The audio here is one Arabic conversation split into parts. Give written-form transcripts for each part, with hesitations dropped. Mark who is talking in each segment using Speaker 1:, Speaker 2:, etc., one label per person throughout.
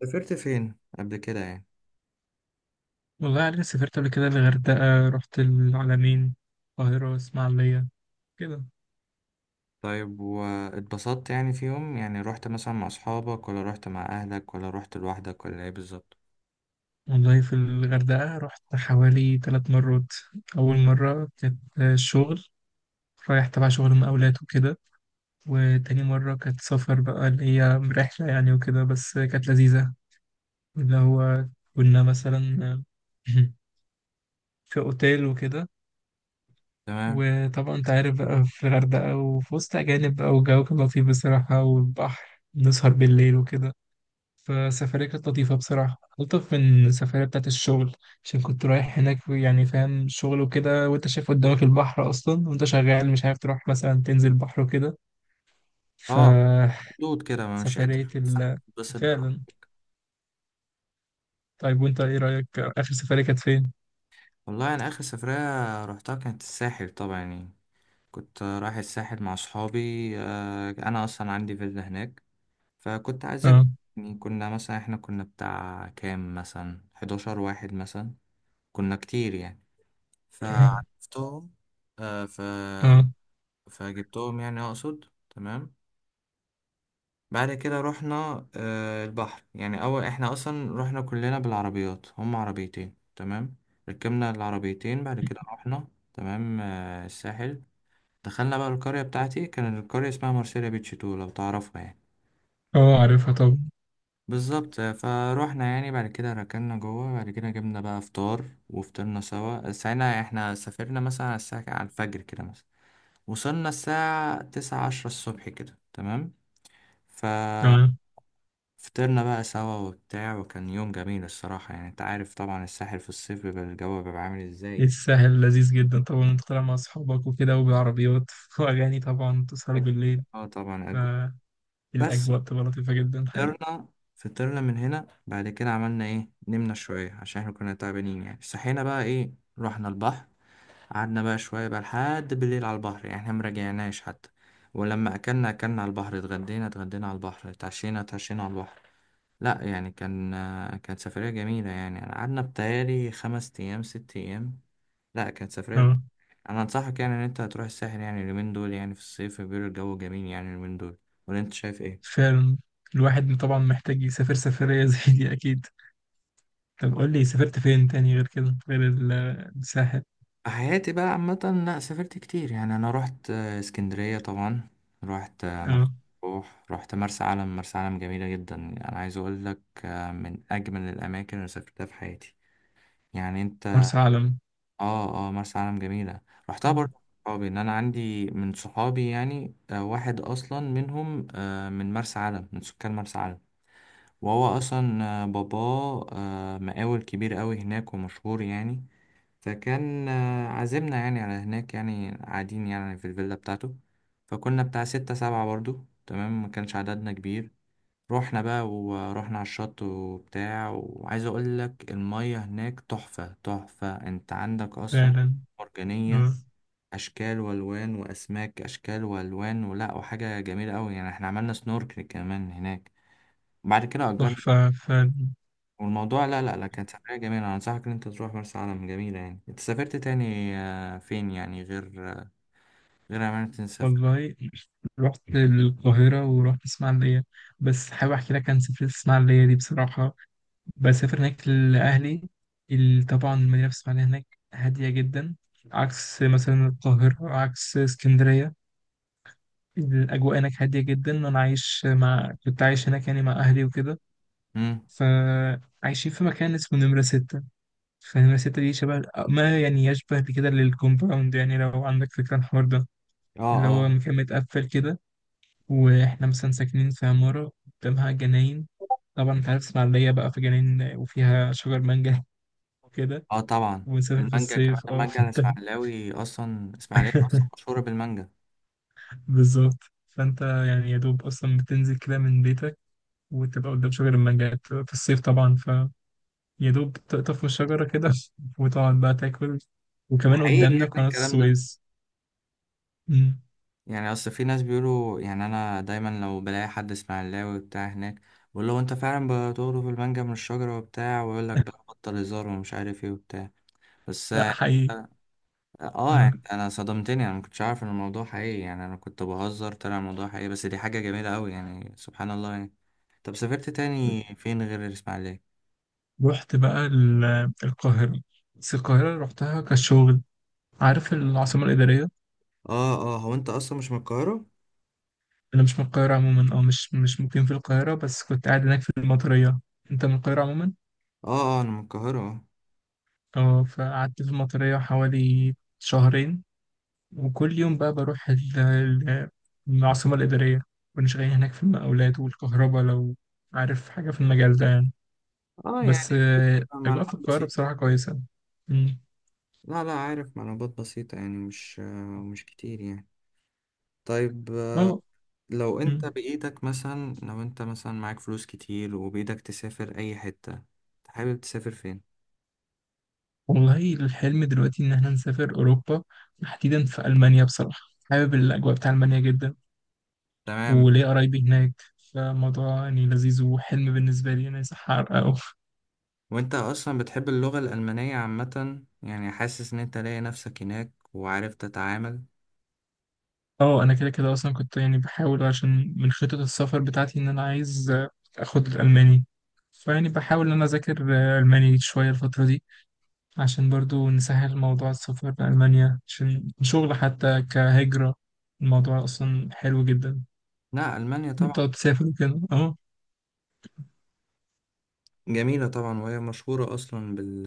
Speaker 1: سافرت فين قبل كده يعني؟
Speaker 2: والله أنا سافرت قبل كده الغردقة، رحت العلمين، القاهرة، اسماعيلية كده.
Speaker 1: طيب واتبسطت؟ يعني في يوم يعني رحت مثلا مع اصحابك ولا رحت مع اهلك ولا رحت لوحدك ولا ايه بالظبط؟
Speaker 2: والله في الغردقة رحت حوالي 3 مرات. أول مرة كانت شغل، رايح تبع شغل مقاولات وكده. وتاني مرة كانت سفر بقى، اللي هي رحلة يعني وكده، بس كانت لذيذة. اللي هو كنا مثلا في أوتيل وكده.
Speaker 1: تمام.
Speaker 2: وطبعا أنت عارف بقى، في الغردقة وفي وسط أجانب بقى، والجو كان لطيف بصراحة، والبحر نسهر بالليل وكده. فسفرية كانت لطيفة بصراحة، ألطف من السفرية بتاعت الشغل. عشان كنت رايح هناك يعني فاهم شغل وكده، وأنت شايف قدامك البحر أصلا وأنت شغال، مش عارف تروح مثلا تنزل البحر وكده.
Speaker 1: اه،
Speaker 2: فسفرية.
Speaker 1: حدود كده، ما
Speaker 2: ال
Speaker 1: مش قادر مثلا اتبسط براحتي.
Speaker 2: فعلا. طيب وأنت إيه رأيك آخر سفرية كانت فين؟
Speaker 1: والله انا اخر سفرية رحتها كانت الساحل طبعا يعني. كنت رايح الساحل مع اصحابي. انا اصلا عندي فيلا هناك، فكنت عازب.
Speaker 2: أه.
Speaker 1: يعني كنا مثلا، احنا كنا بتاع كام، مثلا 11 واحد مثلا. كنا كتير يعني، فعرفتهم. آه، ف
Speaker 2: أه،
Speaker 1: فجبتهم يعني اقصد. تمام. بعد كده رحنا البحر يعني. اول احنا اصلا رحنا كلنا بالعربيات، هم عربيتين، تمام. ركبنا العربيتين، بعد كده رحنا. تمام. الساحل. دخلنا بقى القرية بتاعتي، كان القرية اسمها مارسيليا بيتش تو، لو تعرفها يعني.
Speaker 2: أه، عارفها طبعا.
Speaker 1: بالظبط. فروحنا يعني، بعد كده ركننا جوه، بعد كده جبنا بقى فطار وفطرنا سوا. ساعتها احنا سافرنا مثلا على الساعة، على الفجر كده مثلا. وصلنا الساعة تسعة، عشرة الصبح كده، تمام. ف
Speaker 2: تمام.
Speaker 1: فطرنا بقى سوا وبتاع، وكان يوم جميل الصراحة يعني. انت عارف طبعا الساحل في الصيف بيبقى الجو بيبقى عامل ازاي
Speaker 2: إيه
Speaker 1: يعني.
Speaker 2: الساحل لذيذ جدا، طبعا أنت طالع مع أصحابك وكده وبالعربيات وأغاني، طبعا تسهروا
Speaker 1: أجو-
Speaker 2: بالليل.
Speaker 1: اه طبعا اجو. بس
Speaker 2: فالأجواء بتبقى لطيفة جدا، حقيقي.
Speaker 1: فطرنا. فطرنا من هنا بعد كده عملنا ايه؟ نمنا شوية عشان احنا كنا تعبانين يعني. صحينا بقى ايه؟ رحنا البحر. قعدنا بقى شوية بقى لحد بالليل على البحر يعني، احنا مراجعناش حتى. ولما أكلنا، أكلنا على البحر، اتغدينا اتغدينا على البحر، اتعشينا اتعشينا على البحر. لا يعني كان، كانت سفرية جميلة يعني. أنا قعدنا بتهيألي خمس أيام، ست أيام. لا كانت سفرية.
Speaker 2: آه.
Speaker 1: أنا أنصحك يعني إن أنت هتروح الساحل يعني اليومين دول، يعني في الصيف بيقولوا الجو جميل يعني اليومين دول. ولا أنت شايف إيه؟
Speaker 2: فعلا. الواحد طبعا محتاج يسافر سفرية زي دي، أكيد. طب قول لي سافرت فين تاني غير كده، غير الساحل.
Speaker 1: حياتي بقى عامة، لا سافرت كتير يعني. أنا رحت اسكندرية طبعا. رحت مرسى
Speaker 2: اه.
Speaker 1: مطروح. رحت مرسى علم. مرسى علم جميلة جدا يعني. أنا عايز أقول لك من أجمل الأماكن اللي سافرتها في حياتي. يعني أنت.
Speaker 2: مرسى علم.
Speaker 1: آه آه مرسى علم جميلة. رحتها
Speaker 2: آه،
Speaker 1: برضه مع صحابي. إن أنا عندي من صحابي يعني واحد أصلا منهم، من مرسى علم، من سكان مرسى علم. وهو أصلا باباه مقاول كبير أوي هناك ومشهور يعني. فكان عازمنا يعني على هناك، يعني قاعدين يعني في الفيلا بتاعته. فكنا بتاع ستة سبعة برضو، تمام، ما كانش عددنا كبير. رحنا بقى ورحنا على الشط وبتاع، وعايز اقول لك المية هناك تحفة تحفة. انت عندك اصلا
Speaker 2: فعلا.
Speaker 1: مرجانية،
Speaker 2: آه،
Speaker 1: اشكال والوان واسماك، اشكال والوان ولا وحاجة جميلة قوي يعني. احنا عملنا سنوركل كمان هناك، وبعد كده اجرنا.
Speaker 2: تحفة فعلا.
Speaker 1: والموضوع لا لا لا كانت سفرية جميلة. أنا أنصحك إن أنت تروح مرسى علم جميلة يعني. أنت سافرت تاني فين يعني؟ غير أمانة سافر.
Speaker 2: والله رحت القاهرة ورحت اسماعيلية، بس حابب أحكي لك عن سفرية اسماعيلية دي بصراحة. بسافر هناك لأهلي. طبعا المدينة في اسماعيلية هناك هادية جدا. عكس مثلا القاهرة، عكس اسكندرية. الأجواء هناك هادية جدا. أنا عايش مع كنت عايش هناك يعني مع أهلي وكده.
Speaker 1: أمم.
Speaker 2: فعايشين في مكان اسمه نمرة ستة. فنمرة ستة دي شبه، ما يعني يشبه بكده للكومباوند، يعني لو عندك فكرة عن الحوار ده.
Speaker 1: أه.
Speaker 2: اللي هو
Speaker 1: أه.
Speaker 2: مكان متقفل كده. وإحنا مثلا ساكنين في عمارة، قدامها جناين. طبعا أنت عارف اسماعيلية بقى، في جناين وفيها شجر مانجا وكده.
Speaker 1: أه طبعا
Speaker 2: ونسافر في
Speaker 1: المانجا، كمان
Speaker 2: الصيف، اه
Speaker 1: المانجا
Speaker 2: فانت.
Speaker 1: الإسماعيلاوي. أصلا إسماعيلية أصلا مشهورة بالمانجا.
Speaker 2: بالظبط. فانت يعني يا دوب اصلا بتنزل كده من بيتك، وتبقى قدام شجر المانجا في الصيف، طبعا فيا دوب تقطف من الشجرة كده وتقعد بقى تاكل. وكمان
Speaker 1: حقيقي
Speaker 2: قدامنا
Speaker 1: يعني
Speaker 2: قناة
Speaker 1: الكلام ده.
Speaker 2: السويس. مم.
Speaker 1: يعني أصل في ناس بيقولوا يعني، أنا دايما لو بلاقي حد إسماعيلاوي بتاع هناك، بقول له أنت فعلا بتقرب المانجا من الشجرة وبتاع، ويقول لك بقى بطل هزار ومش عارف إيه وبتاع. بس.
Speaker 2: لا، حقيقي.
Speaker 1: اه
Speaker 2: آه.
Speaker 1: يعني انا صدمتني. انا ما كنتش عارف ان الموضوع حقيقي يعني. انا كنت بهزر، طلع الموضوع حقيقي. بس دي حاجة جميلة قوي يعني، سبحان الله يعني. طب سافرت تاني فين غير الاسماعيلية؟
Speaker 2: رحت بقى القاهرة، بس القاهرة رحتها كشغل. عارف العاصمة الإدارية.
Speaker 1: اه اه، هو انت اصلا مش من القاهرة؟
Speaker 2: أنا مش من القاهرة عموما، أو مش مقيم في القاهرة، بس كنت قاعد هناك في المطرية. أنت من القاهرة عموما.
Speaker 1: اه اه، انا من القاهرة، اه.
Speaker 2: أه. فقعدت في المطرية حوالي شهرين، وكل يوم بقى بروح العاصمة الإدارية. كنا شغالين هناك في المقاولات والكهرباء، لو عارف حاجة في المجال ده يعني.
Speaker 1: اه يعني
Speaker 2: بس أجواء في
Speaker 1: معلومات
Speaker 2: القاهرة
Speaker 1: بسيطة.
Speaker 2: بصراحة كويسة. مم.
Speaker 1: لا لا عارف معلومات بسيطة، يعني مش كتير يعني. طيب
Speaker 2: اه.
Speaker 1: لو انت
Speaker 2: مم.
Speaker 1: بإيدك مثلا، لو انت مثلا معاك فلوس كتير وبإيدك تسافر اي حتة، حابب تسافر فين؟
Speaker 2: والله الحلم دلوقتي إن احنا نسافر أوروبا، تحديدا في ألمانيا بصراحة. حابب الأجواء بتاع ألمانيا جدا.
Speaker 1: تمام.
Speaker 2: وليا قرايبي هناك. فالموضوع يعني لذيذ وحلم بالنسبة لي، أنا يصح أحققه.
Speaker 1: وانت اصلا بتحب اللغة الألمانية عامة يعني؟ حاسس ان انت لاقي نفسك هناك وعارف تتعامل؟
Speaker 2: اه، انا كده كده اصلا كنت يعني بحاول، عشان من خطط السفر بتاعتي ان انا عايز اخد الالماني. فيعني بحاول ان انا اذاكر الماني شويه الفتره دي، عشان برضو نسهل موضوع السفر لالمانيا، عشان شغل حتى كهجره. الموضوع اصلا حلو جدا.
Speaker 1: لا، ألمانيا
Speaker 2: إن انت
Speaker 1: طبعا
Speaker 2: تقعد تسافر وكده. اه.
Speaker 1: جميلة طبعا. وهي مشهورة اصلا بال...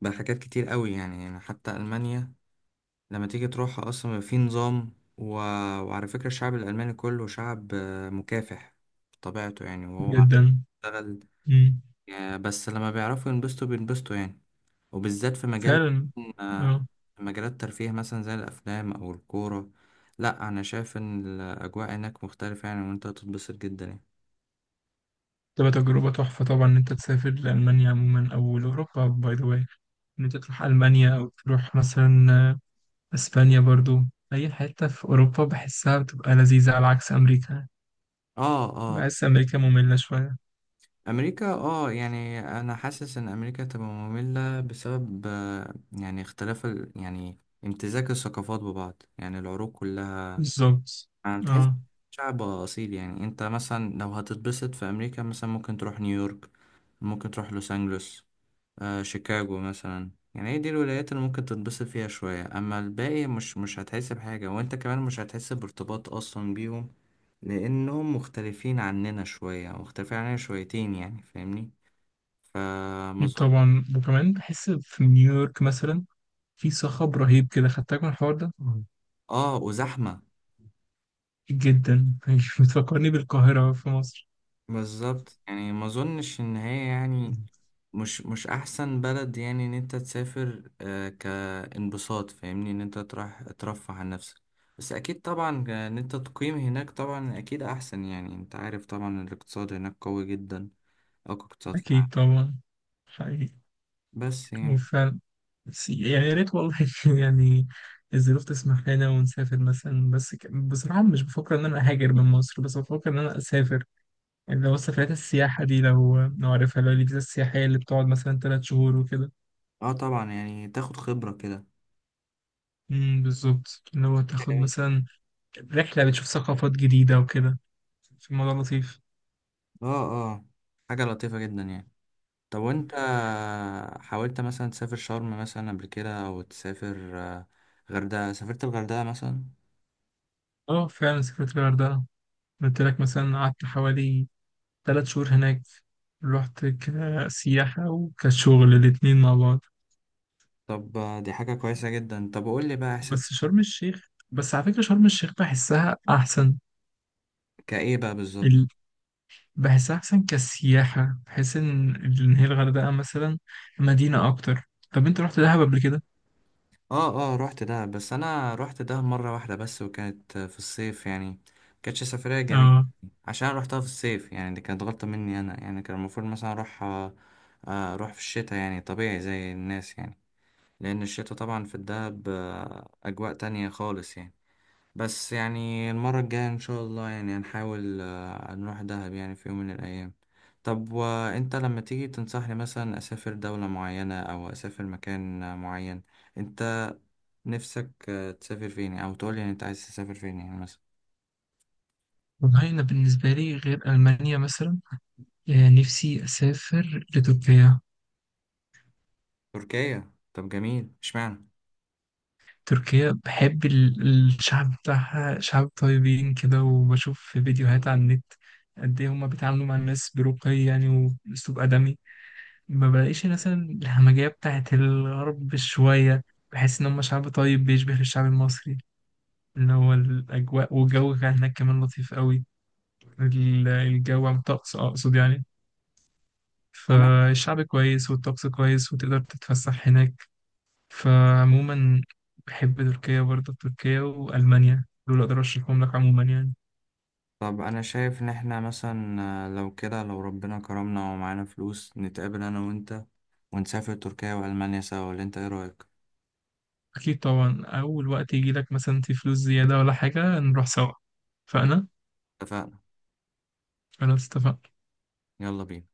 Speaker 1: بحاجات كتير قوي يعني. يعني حتى ألمانيا لما تيجي تروحها اصلا بيبقى في نظام و... وعلى فكرة الشعب الألماني كله شعب مكافح بطبيعته يعني. وهو عارف
Speaker 2: جدا.
Speaker 1: يشتغل
Speaker 2: مم.
Speaker 1: يعني. بس لما بيعرفوا ينبسطوا بينبسطوا يعني، وبالذات في مجال
Speaker 2: فعلا.
Speaker 1: آه،
Speaker 2: اه.
Speaker 1: في مجالات الترفيه مثلا زي الأفلام أو الكورة. لأ أنا شايف إن الأجواء هناك مختلفة يعني، وأنت هتتبسط جدا يعني.
Speaker 2: تبقى تجربه تحفه طبعا، ان انت تسافر لالمانيا عموما او لاوروبا باي ذا واي. ان انت تروح المانيا او تروح مثلا اسبانيا برضو. اي حتة في اوروبا بحسها بتبقى لذيذة، على عكس امريكا.
Speaker 1: آه آه.
Speaker 2: بحس امريكا مملة شوية.
Speaker 1: أمريكا. آه يعني أنا حاسس إن أمريكا تبقى مملة بسبب يعني اختلاف ال... يعني امتزاج الثقافات ببعض، يعني العروق كلها.
Speaker 2: بالظبط.
Speaker 1: أنا بتحس
Speaker 2: اه.
Speaker 1: شعب أصيل يعني. أنت مثلا لو هتتبسط في أمريكا مثلا، ممكن تروح نيويورك، ممكن تروح لوس أنجلوس، آه شيكاغو مثلا. يعني هي دي الولايات اللي ممكن تتبسط فيها شوية. أما الباقي مش هتحس بحاجة، وأنت كمان مش هتحس بارتباط أصلا بيهم، لأنهم مختلفين عننا شوية، مختلفين عننا شويتين يعني، فاهمني. فما
Speaker 2: أكيد
Speaker 1: أظن.
Speaker 2: طبعا، وكمان بحس في نيويورك مثلا في صخب رهيب كده، خدتك من الحوار ده. مم.
Speaker 1: آه وزحمة.
Speaker 2: جدا بتفكرني بالقاهرة في مصر.
Speaker 1: بالظبط. يعني ما اظنش ان هي
Speaker 2: مم.
Speaker 1: يعني مش احسن بلد يعني، ان انت تسافر كانبساط، فاهمني، ان انت تروح ترفه عن نفسك. بس اكيد طبعا ان انت تقيم هناك طبعا اكيد احسن يعني. انت عارف طبعا الاقتصاد هناك قوي جدا، اقوى اقتصاد في العالم.
Speaker 2: اكيد طبعا. حقيقي.
Speaker 1: بس يعني.
Speaker 2: وفعلا. بس يعني يا ريت والله يعني الظروف تسمح لنا ونسافر مثلا، بس بصراحة مش بفكر إن أنا أهاجر من مصر، بس بفكر إن أنا أسافر. اللي هو سفريات السياحة دي، لو عارفها، اللي هو الفيزا السياحية اللي بتقعد مثلا 3 شهور وكده.
Speaker 1: اه طبعا يعني تاخد خبرة كده.
Speaker 2: بالظبط. اللي هو تاخد
Speaker 1: جميل.
Speaker 2: مثلا رحلة، بتشوف ثقافات جديدة وكده. في الموضوع لطيف.
Speaker 1: اه. اه حاجة لطيفة جدا يعني. طب وانت حاولت مثلا تسافر شرم مثلا قبل كده، او تسافر غردقة؟ سافرت الغردقة مثلا؟
Speaker 2: اه، فعلا سافرت الغردقة. قلت لك مثلا قعدت حوالي 3 شهور هناك. رحت كسياحة وكشغل، الاتنين مع بعض.
Speaker 1: طب دي حاجة كويسة جدا. طب قول لي بقى، احساس
Speaker 2: بس شرم الشيخ، بس على فكرة شرم الشيخ بحسها أحسن.
Speaker 1: كايه بقى بالظبط؟
Speaker 2: بحس أحسن كسياحة. بحس إن هي الغردقة مثلا مدينة أكتر. طب أنت رحت دهب قبل كده؟
Speaker 1: اه اه. رحت ده، بس انا رحت ده مرة واحدة بس، وكانت في الصيف يعني. كانتش سفرية جميلة
Speaker 2: اه.
Speaker 1: عشان أنا رحتها في الصيف يعني. دي كانت غلطة مني انا يعني. كان المفروض مثلا اروح اروح في الشتاء يعني، طبيعي زي الناس يعني. لان الشتاء طبعا في الدهب اجواء تانية خالص يعني. بس يعني المرة الجاية إن شاء الله يعني هنحاول نروح دهب يعني في يوم من الأيام. طب وأنت لما تيجي تنصحني مثلا أسافر دولة معينة أو أسافر مكان معين، أنت نفسك تسافر فين؟ أو تقولي يعني أنت عايز تسافر فين يعني مثلا؟
Speaker 2: والله أنا بالنسبة لي غير ألمانيا مثلا، نفسي أسافر لتركيا.
Speaker 1: تركيا. طب جميل، اشمعنى؟
Speaker 2: تركيا بحب الشعب بتاعها، شعب طيبين كده، وبشوف في فيديوهات على النت قد إيه هما بيتعاملوا مع الناس برقي يعني، وأسلوب أدمي. ما بلاقيش مثلا الهمجية بتاعت الغرب شوية. بحس إن هما شعب طيب بيشبه الشعب المصري. اللي هو الأجواء، والجو كان هناك كمان لطيف قوي. الجو، عن الطقس أقصد يعني.
Speaker 1: تمام.
Speaker 2: فالشعب كويس والطقس كويس وتقدر تتفسح هناك. فعموما بحب تركيا برضه. تركيا وألمانيا دول أقدر أرشحهم لك عموما يعني.
Speaker 1: طب أنا شايف إن إحنا مثلا لو كده، لو ربنا كرمنا ومعانا فلوس نتقابل أنا وأنت ونسافر تركيا وألمانيا سوا، ولا أنت إيه رأيك؟
Speaker 2: أكيد طبعا، أول وقت يجي لك مثلا في فلوس زيادة ولا حاجة نروح سوا. فأنا.
Speaker 1: اتفقنا.
Speaker 2: خلاص، اتفقنا.
Speaker 1: يلا بينا.